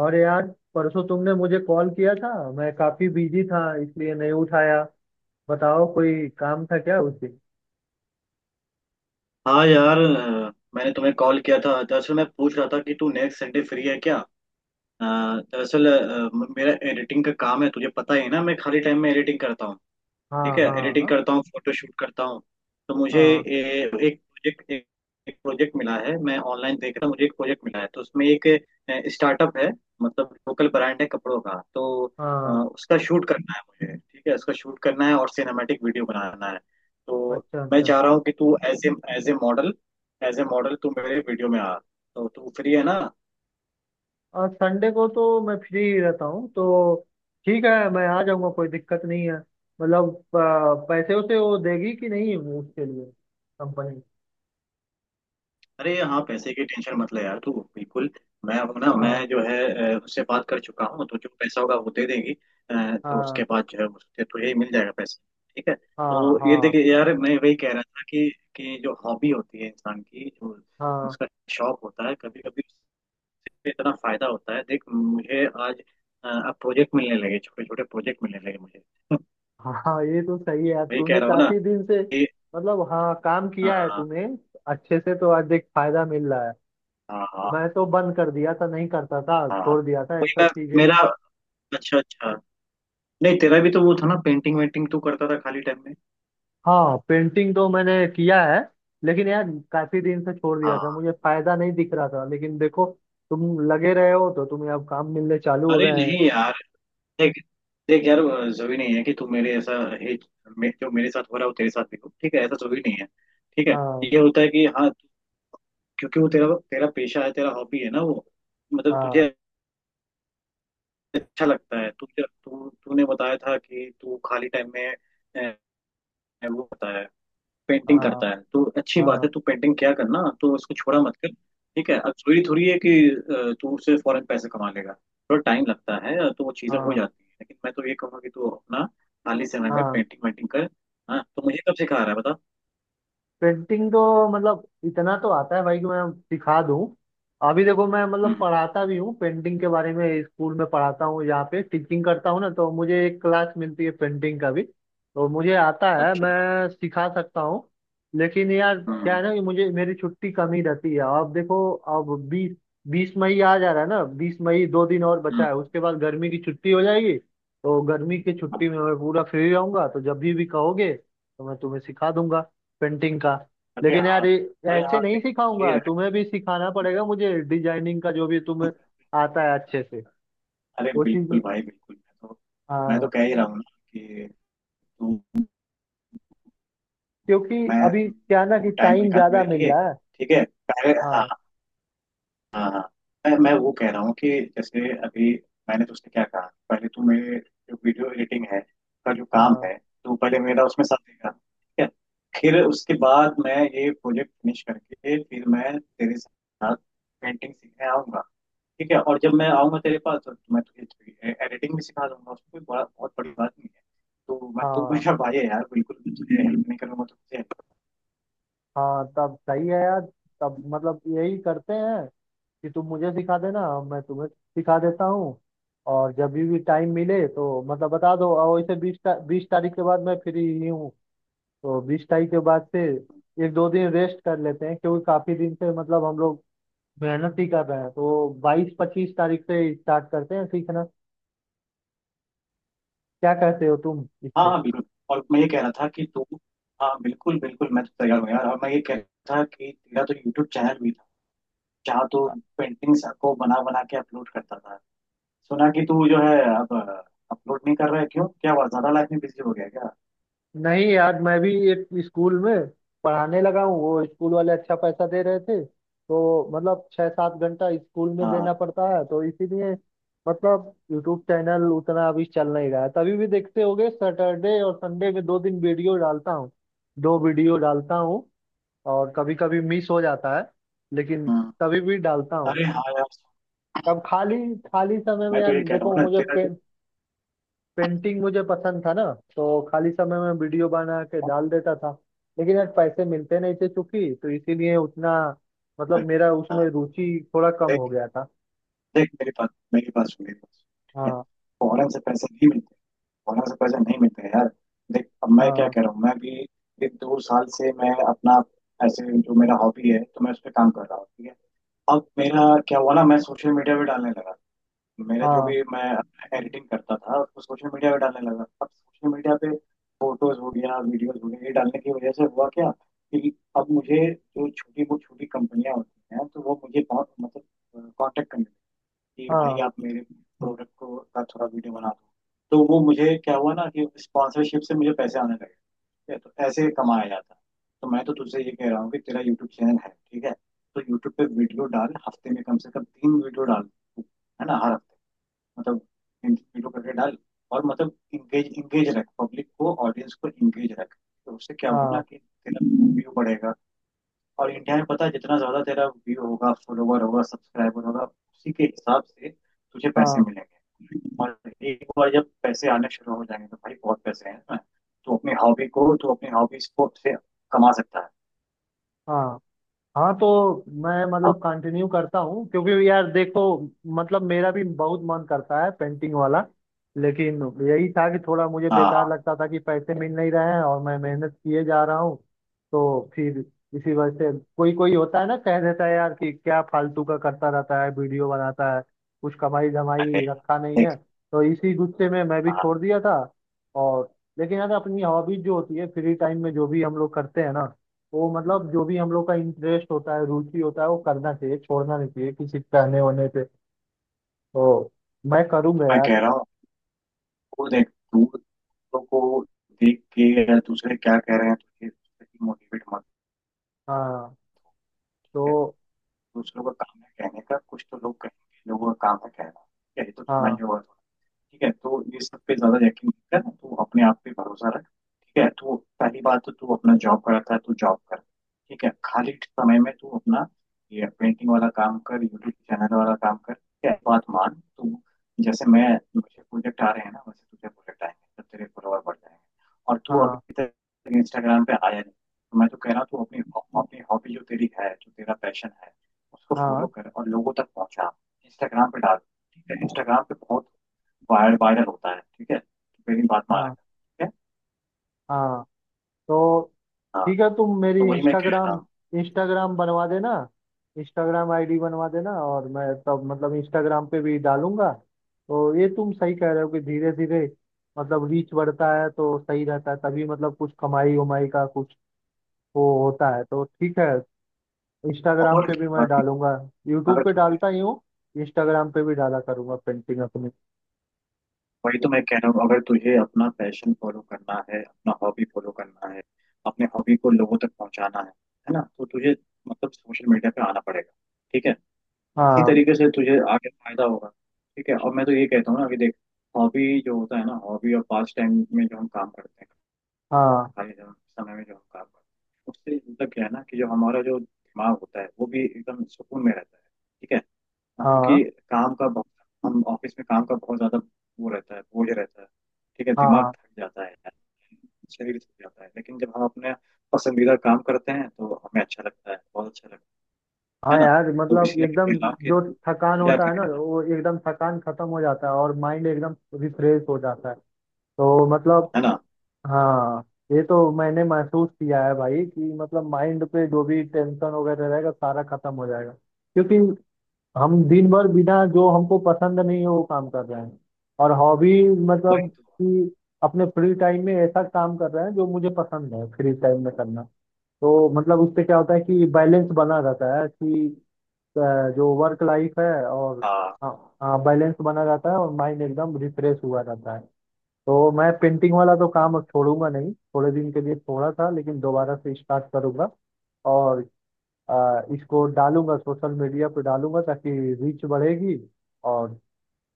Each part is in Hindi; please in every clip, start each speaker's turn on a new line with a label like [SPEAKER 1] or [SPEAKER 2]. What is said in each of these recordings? [SPEAKER 1] और यार, परसों तुमने मुझे कॉल किया था। मैं काफी बिजी था इसलिए नहीं उठाया। बताओ कोई काम था क्या उसे।
[SPEAKER 2] हाँ यार मैंने तुम्हें कॉल किया था। दरअसल मैं पूछ रहा था कि तू नेक्स्ट संडे फ्री है क्या। अ, दरअसल मेरा एडिटिंग का काम है तुझे पता ही है ना मैं खाली टाइम में एडिटिंग करता हूँ।
[SPEAKER 1] हाँ,
[SPEAKER 2] ठीक है एडिटिंग
[SPEAKER 1] हाँ।
[SPEAKER 2] करता हूँ फोटो शूट करता हूँ। तो मुझे
[SPEAKER 1] हाँ,
[SPEAKER 2] एक प्रोजेक्ट एक प्रोजेक्ट मिला है मैं ऑनलाइन देख रहा हूँ मुझे एक प्रोजेक्ट मिला है तो उसमें एक स्टार्टअप है। मतलब लोकल ब्रांड है कपड़ों का। तो
[SPEAKER 1] हाँ।
[SPEAKER 2] उसका शूट करना है मुझे। ठीक है उसका शूट करना है और सिनेमैटिक वीडियो बनाना है। तो
[SPEAKER 1] अच्छा,
[SPEAKER 2] मैं
[SPEAKER 1] अच्छा।
[SPEAKER 2] चाह रहा हूँ कि तू as a model as a model तू मेरे वीडियो में आ। तो तू फ्री है ना।
[SPEAKER 1] और संडे को तो मैं फ्री ही रहता हूँ तो ठीक है, मैं आ जाऊँगा, कोई दिक्कत नहीं है। मतलब पैसे उसे वो देगी कि नहीं उसके लिए, कंपनी।
[SPEAKER 2] अरे हाँ, पैसे की टेंशन मत ले यार तू बिल्कुल। मैं अब ना मैं
[SPEAKER 1] हाँ,
[SPEAKER 2] जो है उससे बात कर चुका हूँ तो जो पैसा होगा वो दे देगी। तो
[SPEAKER 1] हाँ।
[SPEAKER 2] उसके बाद जो है उससे तुझे ही मिल जाएगा पैसा। ठीक है
[SPEAKER 1] हाँ,
[SPEAKER 2] तो ये
[SPEAKER 1] हाँ।
[SPEAKER 2] देखिए यार मैं वही कह रहा था कि जो हॉबी होती है इंसान की जो
[SPEAKER 1] हाँ,
[SPEAKER 2] उसका शौक होता है कभी कभी उससे इतना फायदा होता है। देख मुझे आज अब प्रोजेक्ट मिलने लगे छोटे छोटे प्रोजेक्ट मिलने लगे मुझे।
[SPEAKER 1] हाँ। ये तो सही है यार,
[SPEAKER 2] वही कह
[SPEAKER 1] तूने
[SPEAKER 2] रहा हूँ ना
[SPEAKER 1] काफी दिन से
[SPEAKER 2] कि
[SPEAKER 1] मतलब, हाँ, काम किया है
[SPEAKER 2] हाँ
[SPEAKER 1] तूने अच्छे से, तो आज देख फायदा मिल रहा है।
[SPEAKER 2] हाँ हाँ
[SPEAKER 1] मैं तो बंद कर दिया था, नहीं करता था,
[SPEAKER 2] हाँ।
[SPEAKER 1] छोड़ दिया था ये
[SPEAKER 2] वही
[SPEAKER 1] सब
[SPEAKER 2] मैं
[SPEAKER 1] चीजें।
[SPEAKER 2] मेरा अच्छा अच्छा। नहीं तेरा भी तो वो था ना पेंटिंग वेंटिंग तू करता था खाली टाइम में।
[SPEAKER 1] हाँ, पेंटिंग तो मैंने किया है। लेकिन यार, काफी दिन से छोड़ दिया
[SPEAKER 2] हाँ
[SPEAKER 1] था, मुझे फायदा नहीं दिख रहा था। लेकिन देखो, तुम लगे रहे हो तो तुम्हें अब काम मिलने चालू हो
[SPEAKER 2] अरे
[SPEAKER 1] गए हैं।
[SPEAKER 2] नहीं यार। देख देख यार जरूरी नहीं है कि तू मेरे ऐसा है जो मेरे साथ हो रहा है वो तेरे साथ भी हो ठीक है ऐसा जरूरी नहीं है। ठीक है
[SPEAKER 1] हाँ,
[SPEAKER 2] ये होता है कि हाँ क्योंकि वो तेरा तेरा पेशा है तेरा हॉबी है ना वो मतलब
[SPEAKER 1] हाँ।
[SPEAKER 2] तुझे अच्छा लगता है तुझे तू तूने बताया था कि तू खाली टाइम में अ, वो होता है पेंटिंग
[SPEAKER 1] हाँ,
[SPEAKER 2] करता है तो अच्छी बात
[SPEAKER 1] हाँ।
[SPEAKER 2] है तू पेंटिंग क्या करना तो इसको छोड़ा मत कर। ठीक है अब थोड़ी थोड़ी है कि तू उससे फौरन पैसे कमा लेगा। थोड़ा टाइम लगता है तो वो चीज़ें हो
[SPEAKER 1] हाँ,
[SPEAKER 2] जाती है लेकिन मैं तो ये कहूँगा कि तू अपना खाली समय में
[SPEAKER 1] हाँ।
[SPEAKER 2] पेंटिंग वेंटिंग कर। हाँ तो मुझे कब सिखा रहा है बता।
[SPEAKER 1] पेंटिंग तो मतलब इतना तो आता है भाई कि मैं सिखा दूं। अभी देखो, मैं मतलब
[SPEAKER 2] हम्म
[SPEAKER 1] पढ़ाता भी हूँ पेंटिंग के बारे में, स्कूल में पढ़ाता हूँ, यहाँ पे टीचिंग करता हूँ ना, तो मुझे एक क्लास मिलती है पेंटिंग का भी, तो मुझे आता है,
[SPEAKER 2] अच्छा।
[SPEAKER 1] मैं सिखा सकता हूँ। लेकिन यार क्या
[SPEAKER 2] हम्म।
[SPEAKER 1] है ना कि मुझे मेरी छुट्टी कम ही रहती है। अब देखो, अब बीस बीस मई आ जा रहा है ना, 20 मई, 2 दिन और बचा
[SPEAKER 2] हम्म।
[SPEAKER 1] है। उसके बाद गर्मी की छुट्टी हो जाएगी। तो गर्मी की छुट्टी में मैं पूरा फ्री रहूंगा, तो जब भी कहोगे तो मैं तुम्हें सिखा दूंगा पेंटिंग का।
[SPEAKER 2] अरे
[SPEAKER 1] लेकिन
[SPEAKER 2] हाँ।
[SPEAKER 1] यार, ये
[SPEAKER 2] अरे हाँ,
[SPEAKER 1] ऐसे नहीं
[SPEAKER 2] नहीं, सही
[SPEAKER 1] सिखाऊंगा।
[SPEAKER 2] रहा।
[SPEAKER 1] तुम्हें भी सिखाना पड़ेगा मुझे, डिजाइनिंग का जो भी तुम्हें आता है अच्छे से,
[SPEAKER 2] अरे
[SPEAKER 1] वो चीज।
[SPEAKER 2] बिल्कुल भाई बिल्कुल मैं तो
[SPEAKER 1] हाँ,
[SPEAKER 2] कह ही रहा हूँ ना कि तू
[SPEAKER 1] क्योंकि
[SPEAKER 2] मैं
[SPEAKER 1] अभी क्या ना कि
[SPEAKER 2] तू टाइम
[SPEAKER 1] टाइम
[SPEAKER 2] निकाल
[SPEAKER 1] ज्यादा
[SPEAKER 2] मेरे
[SPEAKER 1] मिल
[SPEAKER 2] लिए
[SPEAKER 1] रहा है।
[SPEAKER 2] ठीक है पहले हाँ
[SPEAKER 1] हाँ,
[SPEAKER 2] हाँ हाँ। मैं वो कह रहा हूँ कि जैसे अभी मैंने तो उससे क्या कहा पहले तो मेरे जो वीडियो एडिटिंग है का जो काम
[SPEAKER 1] हाँ।
[SPEAKER 2] है तो पहले मेरा उसमें साथ देगा ठीक है फिर उसके बाद मैं ये प्रोजेक्ट फिनिश करके फिर मैं तेरे साथ पेंटिंग सीखने आऊंगा। ठीक है और जब मैं आऊंगा तेरे पास तो मैं तुझे एडिटिंग भी सिखा दूंगा उसमें कोई बड़ा बहुत बड़ी बात नहीं है। तो मैं तू
[SPEAKER 1] हाँ,
[SPEAKER 2] मेरा भाई है यार बिल्कुल तुझे हेल्प नहीं करूंगा तो तुझे
[SPEAKER 1] हाँ। तब सही है यार। तब मतलब यही करते हैं कि तुम मुझे सिखा देना, मैं तुम्हें सिखा देता हूँ। और जब भी टाइम मिले तो मतलब बता दो। और वैसे बीस बीस तारीख के बाद मैं फ्री ही हूँ। तो 20 तारीख के बाद से एक दो दिन रेस्ट कर लेते हैं क्योंकि काफी दिन से मतलब हम लोग मेहनत ही कर रहे हैं। तो बाईस पच्चीस तारीख से स्टार्ट करते हैं सीखना। क्या कहते हो तुम इस
[SPEAKER 2] हाँ
[SPEAKER 1] पे?
[SPEAKER 2] हाँ बिल्कुल। और मैं ये कह रहा था कि तू हाँ बिल्कुल बिल्कुल मैं तो तैयार हूँ यार। और मैं ये कह रहा था कि तेरा तो यूट्यूब चैनल भी था जहाँ तू पेंटिंग्स को बना बना के अपलोड करता था। सुना कि तू जो है अब अपलोड नहीं कर रहा है क्यों क्या हुआ ज्यादा लाइफ में बिजी हो गया क्या।
[SPEAKER 1] नहीं यार, मैं भी एक स्कूल में पढ़ाने लगा हूँ, वो स्कूल वाले अच्छा पैसा दे रहे थे, तो मतलब छः सात घंटा स्कूल में
[SPEAKER 2] हाँ।
[SPEAKER 1] देना पड़ता है, तो इसीलिए मतलब यूट्यूब चैनल उतना अभी चल नहीं रहा है। तभी भी देखते होगे, सैटरडे और संडे में 2 दिन वीडियो डालता हूँ, 2 वीडियो डालता हूँ। और कभी कभी मिस हो जाता है, लेकिन
[SPEAKER 2] हम्म।
[SPEAKER 1] तभी भी डालता हूँ।
[SPEAKER 2] अरे हाँ यार
[SPEAKER 1] तब खाली खाली समय में,
[SPEAKER 2] मैं तो
[SPEAKER 1] यार
[SPEAKER 2] ये कह रहा हूँ
[SPEAKER 1] देखो,
[SPEAKER 2] ना तेरा जो
[SPEAKER 1] पेंटिंग मुझे पसंद था ना, तो खाली समय में वीडियो बना के डाल देता था। लेकिन यार पैसे मिलते नहीं थे चूंकि, तो इसीलिए उतना मतलब
[SPEAKER 2] हाँ,
[SPEAKER 1] मेरा उसमें रुचि थोड़ा कम हो गया था।
[SPEAKER 2] देख मेरे पास ठीक है
[SPEAKER 1] हाँ,
[SPEAKER 2] फौरन से पैसे नहीं मिलते। फौरन से पैसे नहीं मिलते यार। देख अब मैं क्या
[SPEAKER 1] हाँ।
[SPEAKER 2] कह रहा हूँ मैं भी एक दो साल से मैं अपना ऐसे जो मेरा हॉबी है तो मैं उस पर काम कर रहा हूँ। ठीक है अब मेरा क्या हुआ ना मैं सोशल मीडिया पे डालने लगा मेरा जो
[SPEAKER 1] हाँ,
[SPEAKER 2] भी मैं एडिटिंग करता था उसको सोशल मीडिया पे डालने लगा। अब सोशल मीडिया पे फोटोज हो गया वीडियोज हो गया ये डालने की वजह से हुआ क्या कि अब मुझे जो छोटी कंपनियां होती हैं तो वो मुझे बहुत मतलब कांटेक्ट करने कि भाई
[SPEAKER 1] हाँ।
[SPEAKER 2] आप मेरे प्रोडक्ट को का थोड़ा वीडियो बना दो तो वो मुझे क्या हुआ ना कि स्पॉन्सरशिप से मुझे पैसे आने लगे। ठीक है तो ऐसे कमाया जाता है। तो मैं तो तुझसे ये कह रहा हूँ कि तेरा यूट्यूब चैनल है ठीक है तो यूट्यूब पे वीडियो डाल हफ्ते में कम से कम तीन वीडियो डाल तू, है ना हर हफ्ते मतलब तीन वीडियो करके डाल और मतलब इंगेज इंगेज रख पब्लिक को ऑडियंस को इंगेज रख। तो उससे क्या होगा ना
[SPEAKER 1] हाँ,
[SPEAKER 2] कि तेरा व्यू बढ़ेगा। और इंडिया में पता है जितना ज्यादा तेरा व्यू होगा फॉलोवर होगा सब्सक्राइबर होगा उसी के हिसाब से तुझे पैसे
[SPEAKER 1] हाँ।
[SPEAKER 2] मिलेंगे। और एक बार जब पैसे आने शुरू हो जाएंगे तो भाई बहुत पैसे हैं इसमें। तो अपनी हॉबी को तो अपनी हॉबी स्पोर्ट से कमा सकता है।
[SPEAKER 1] हाँ, हाँ। तो मैं
[SPEAKER 2] हाँ
[SPEAKER 1] मतलब कंटिन्यू करता हूँ क्योंकि यार देखो, मतलब मेरा भी बहुत मन करता है पेंटिंग वाला। लेकिन यही था कि थोड़ा मुझे बेकार
[SPEAKER 2] हाँ,
[SPEAKER 1] लगता था कि पैसे मिल नहीं रहे हैं और मैं मेहनत किए जा रहा हूँ। तो फिर इसी वजह से, कोई कोई होता है ना, कह देता है यार कि क्या फालतू का करता रहता है वीडियो बनाता है, कुछ कमाई
[SPEAKER 2] अरे
[SPEAKER 1] धमाई
[SPEAKER 2] यार,
[SPEAKER 1] रखा नहीं है।
[SPEAKER 2] देख
[SPEAKER 1] तो इसी गुस्से में मैं भी
[SPEAKER 2] हाँ
[SPEAKER 1] छोड़ दिया था। और लेकिन यार, अपनी हॉबीज जो होती है, फ्री टाइम में जो भी हम लोग करते हैं ना, वो मतलब
[SPEAKER 2] हम्म,
[SPEAKER 1] जो भी हम लोग का इंटरेस्ट होता है, रुचि होता है, वो करना चाहिए, छोड़ना नहीं चाहिए किसी के कहने होने पे। तो मैं करूंगा
[SPEAKER 2] मैं
[SPEAKER 1] यार।
[SPEAKER 2] कह रहा हूँ वो देख तू दूसरों को देख के या दूसरे क्या कह रहे हैं तुझे मोटिवेट मत
[SPEAKER 1] हाँ
[SPEAKER 2] कर।
[SPEAKER 1] तो,
[SPEAKER 2] दूसरों का काम है कहने का कुछ तो लोग कहेंगे लोगों का काम है कहना यही तो सुना ही
[SPEAKER 1] हाँ,
[SPEAKER 2] होगा। ठीक है तो ये सब पे ज्यादा यकीन नहीं कर तू अपने आप पे भरोसा रख ठीक है तो पहली बात तो तू अपना जॉब करता है तो जॉब कर। ठीक है खाली समय में तू अपना ये पेंटिंग वाला काम कर यूट्यूब चैनल वाला काम कर ठीक है बात मान तू जैसे मैं मुझे प्रोजेक्ट आ रहे हैं ना वैसे तुझे प्रोजेक्ट आएंगे तो तेरे फॉलोअर बढ़ जाएंगे। और तू
[SPEAKER 1] हाँ।
[SPEAKER 2] अभी तक इंस्टाग्राम पे आया नहीं। तो मैं तो कह रहा हूँ तू अपनी अपनी हॉबी जो तेरी है जो तेरा पैशन है उसको फॉलो
[SPEAKER 1] हाँ,
[SPEAKER 2] कर और लोगों तक पहुंचा इंस्टाग्राम पे डाल। ठीक है इंस्टाग्राम पे बहुत वायरल होता है ठीक है तो मेरी बात मान
[SPEAKER 1] हाँ।
[SPEAKER 2] ठीक है।
[SPEAKER 1] हाँ, तो
[SPEAKER 2] हाँ
[SPEAKER 1] ठीक है, तुम मेरी
[SPEAKER 2] तो वही मैं कह रहा
[SPEAKER 1] इंस्टाग्राम,
[SPEAKER 2] हूँ।
[SPEAKER 1] इंस्टाग्राम बनवा देना, इंस्टाग्राम आईडी बनवा देना, और मैं तब मतलब इंस्टाग्राम पे भी डालूंगा। तो ये तुम सही कह रहे हो कि धीरे धीरे मतलब रीच बढ़ता है तो सही रहता है, तभी मतलब कुछ कमाई उमाई का कुछ वो होता है। तो ठीक है, इंस्टाग्राम
[SPEAKER 2] और
[SPEAKER 1] पे भी
[SPEAKER 2] क्या
[SPEAKER 1] मैं
[SPEAKER 2] भाई
[SPEAKER 1] डालूंगा,
[SPEAKER 2] अगर
[SPEAKER 1] यूट्यूब पे
[SPEAKER 2] तुझे
[SPEAKER 1] डालता ही हूँ, इंस्टाग्राम पे भी डाला करूंगा पेंटिंग अपनी।
[SPEAKER 2] वही तो मैं कह रहा हूँ अगर तुझे अपना पैशन फॉलो करना है अपना हॉबी फॉलो करना है अपने हॉबी को लोगों तक पहुंचाना है ना तो तुझे मतलब सोशल मीडिया पे आना पड़ेगा। ठीक है इसी
[SPEAKER 1] हाँ,
[SPEAKER 2] तरीके से तुझे आगे फायदा होगा। ठीक है और मैं तो ये कहता हूँ ना कि देख हॉबी जो होता है ना हॉबी और पास टाइम में जो हम काम करते हैं
[SPEAKER 1] हाँ।
[SPEAKER 2] खाली जगह समय में जो हम काम करते हैं उससे मतलब क्या है ना कि जो हमारा जो दिमाग होता है वो भी एकदम सुकून में रहता है। ठीक है हाँ,
[SPEAKER 1] हाँ,
[SPEAKER 2] क्योंकि काम का बहुत हम ऑफिस में काम का बहुत ज्यादा वो रहता है बोझ रहता है। ठीक है दिमाग
[SPEAKER 1] हाँ।
[SPEAKER 2] थक जाता है शरीर थक जाता है लेकिन जब हम अपने पसंदीदा काम करते हैं तो हमें अच्छा लगता है बहुत अच्छा लगता
[SPEAKER 1] हाँ
[SPEAKER 2] है ना।
[SPEAKER 1] यार,
[SPEAKER 2] तो
[SPEAKER 1] मतलब
[SPEAKER 2] इसलिए मैं
[SPEAKER 1] एकदम
[SPEAKER 2] कहता हूँ कि
[SPEAKER 1] जो थकान
[SPEAKER 2] क्या
[SPEAKER 1] होता है ना,
[SPEAKER 2] करें ना
[SPEAKER 1] वो एकदम थकान खत्म हो जाता है और माइंड एकदम रिफ्रेश हो जाता है। तो मतलब,
[SPEAKER 2] है ना
[SPEAKER 1] हाँ, ये तो मैंने महसूस किया है भाई, कि मतलब माइंड पे जो भी टेंशन वगैरह रहेगा सारा खत्म हो जाएगा, क्योंकि हम दिन भर बिना जो हमको पसंद नहीं है वो काम कर रहे हैं। और हॉबी मतलब
[SPEAKER 2] वही तो
[SPEAKER 1] कि अपने फ्री टाइम में ऐसा काम कर रहे हैं जो मुझे पसंद है फ्री टाइम में करना। तो मतलब उससे क्या होता है कि बैलेंस बना रहता है कि अ, जो वर्क लाइफ है, और
[SPEAKER 2] हाँ।
[SPEAKER 1] हाँ, बैलेंस बना रहता है और माइंड एकदम रिफ्रेश हुआ रहता है। तो मैं पेंटिंग वाला तो काम अब छोड़ूंगा नहीं, थोड़े दिन के लिए छोड़ा था लेकिन दोबारा से स्टार्ट करूंगा। और इसको डालूंगा, सोशल मीडिया पे डालूंगा, ताकि रीच बढ़ेगी। और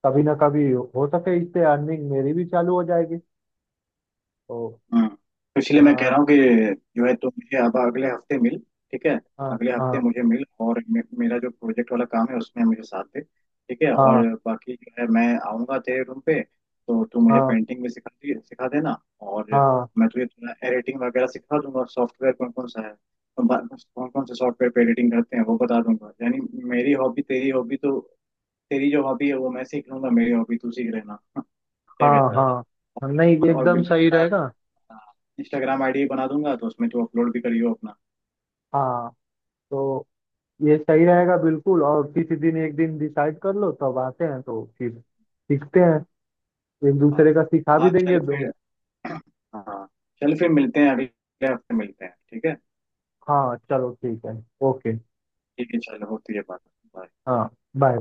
[SPEAKER 1] कभी ना कभी हो सके इससे अर्निंग मेरी भी चालू हो जाएगी तो।
[SPEAKER 2] तो इसलिए मैं कह रहा
[SPEAKER 1] हाँ,
[SPEAKER 2] हूँ कि जो है तुम मुझे अब अगले हफ्ते मिल ठीक है
[SPEAKER 1] हाँ।
[SPEAKER 2] अगले हफ्ते
[SPEAKER 1] हाँ,
[SPEAKER 2] मुझे मिल और मेरा जो प्रोजेक्ट वाला काम है उसमें मुझे साथ दे ठीक है। और
[SPEAKER 1] हाँ।
[SPEAKER 2] बाकी जो है मैं आऊँगा तेरे रूम पे तो तू मुझे
[SPEAKER 1] हाँ,
[SPEAKER 2] पेंटिंग भी सिखा देना। और
[SPEAKER 1] हाँ।
[SPEAKER 2] मैं तुझे थोड़ा एडिटिंग वगैरह सिखा दूंगा सॉफ्टवेयर कौन कौन सा है कौन कौन से सॉफ्टवेयर पे एडिटिंग करते हैं वो बता दूंगा यानी मेरी हॉबी तेरी हॉबी तो तेरी जो हॉबी है वो मैं सीख लूंगा मेरी हॉबी तू सीख लेना क्या
[SPEAKER 1] हाँ,
[SPEAKER 2] कहता
[SPEAKER 1] हाँ।
[SPEAKER 2] है।
[SPEAKER 1] हाँ, नहीं
[SPEAKER 2] और
[SPEAKER 1] एकदम
[SPEAKER 2] बिल्कुल
[SPEAKER 1] सही
[SPEAKER 2] तेरा
[SPEAKER 1] रहेगा।
[SPEAKER 2] इंस्टाग्राम आईडी बना दूंगा तो उसमें तू अपलोड भी करियो अपना।
[SPEAKER 1] हाँ, तो ये सही रहेगा बिल्कुल। और किसी दिन एक दिन डिसाइड कर लो, तब आते हैं तो फिर सीखते हैं, एक
[SPEAKER 2] हाँ
[SPEAKER 1] दूसरे का सिखा भी
[SPEAKER 2] हाँ चल
[SPEAKER 1] देंगे दो।
[SPEAKER 2] फिर हाँ चल फिर मिलते हैं अगले हफ्ते मिलते हैं ठीक है।
[SPEAKER 1] हाँ, चलो ठीक है। ओके।
[SPEAKER 2] ठीक है चलो होती है बात। Bye.
[SPEAKER 1] हाँ, बाय।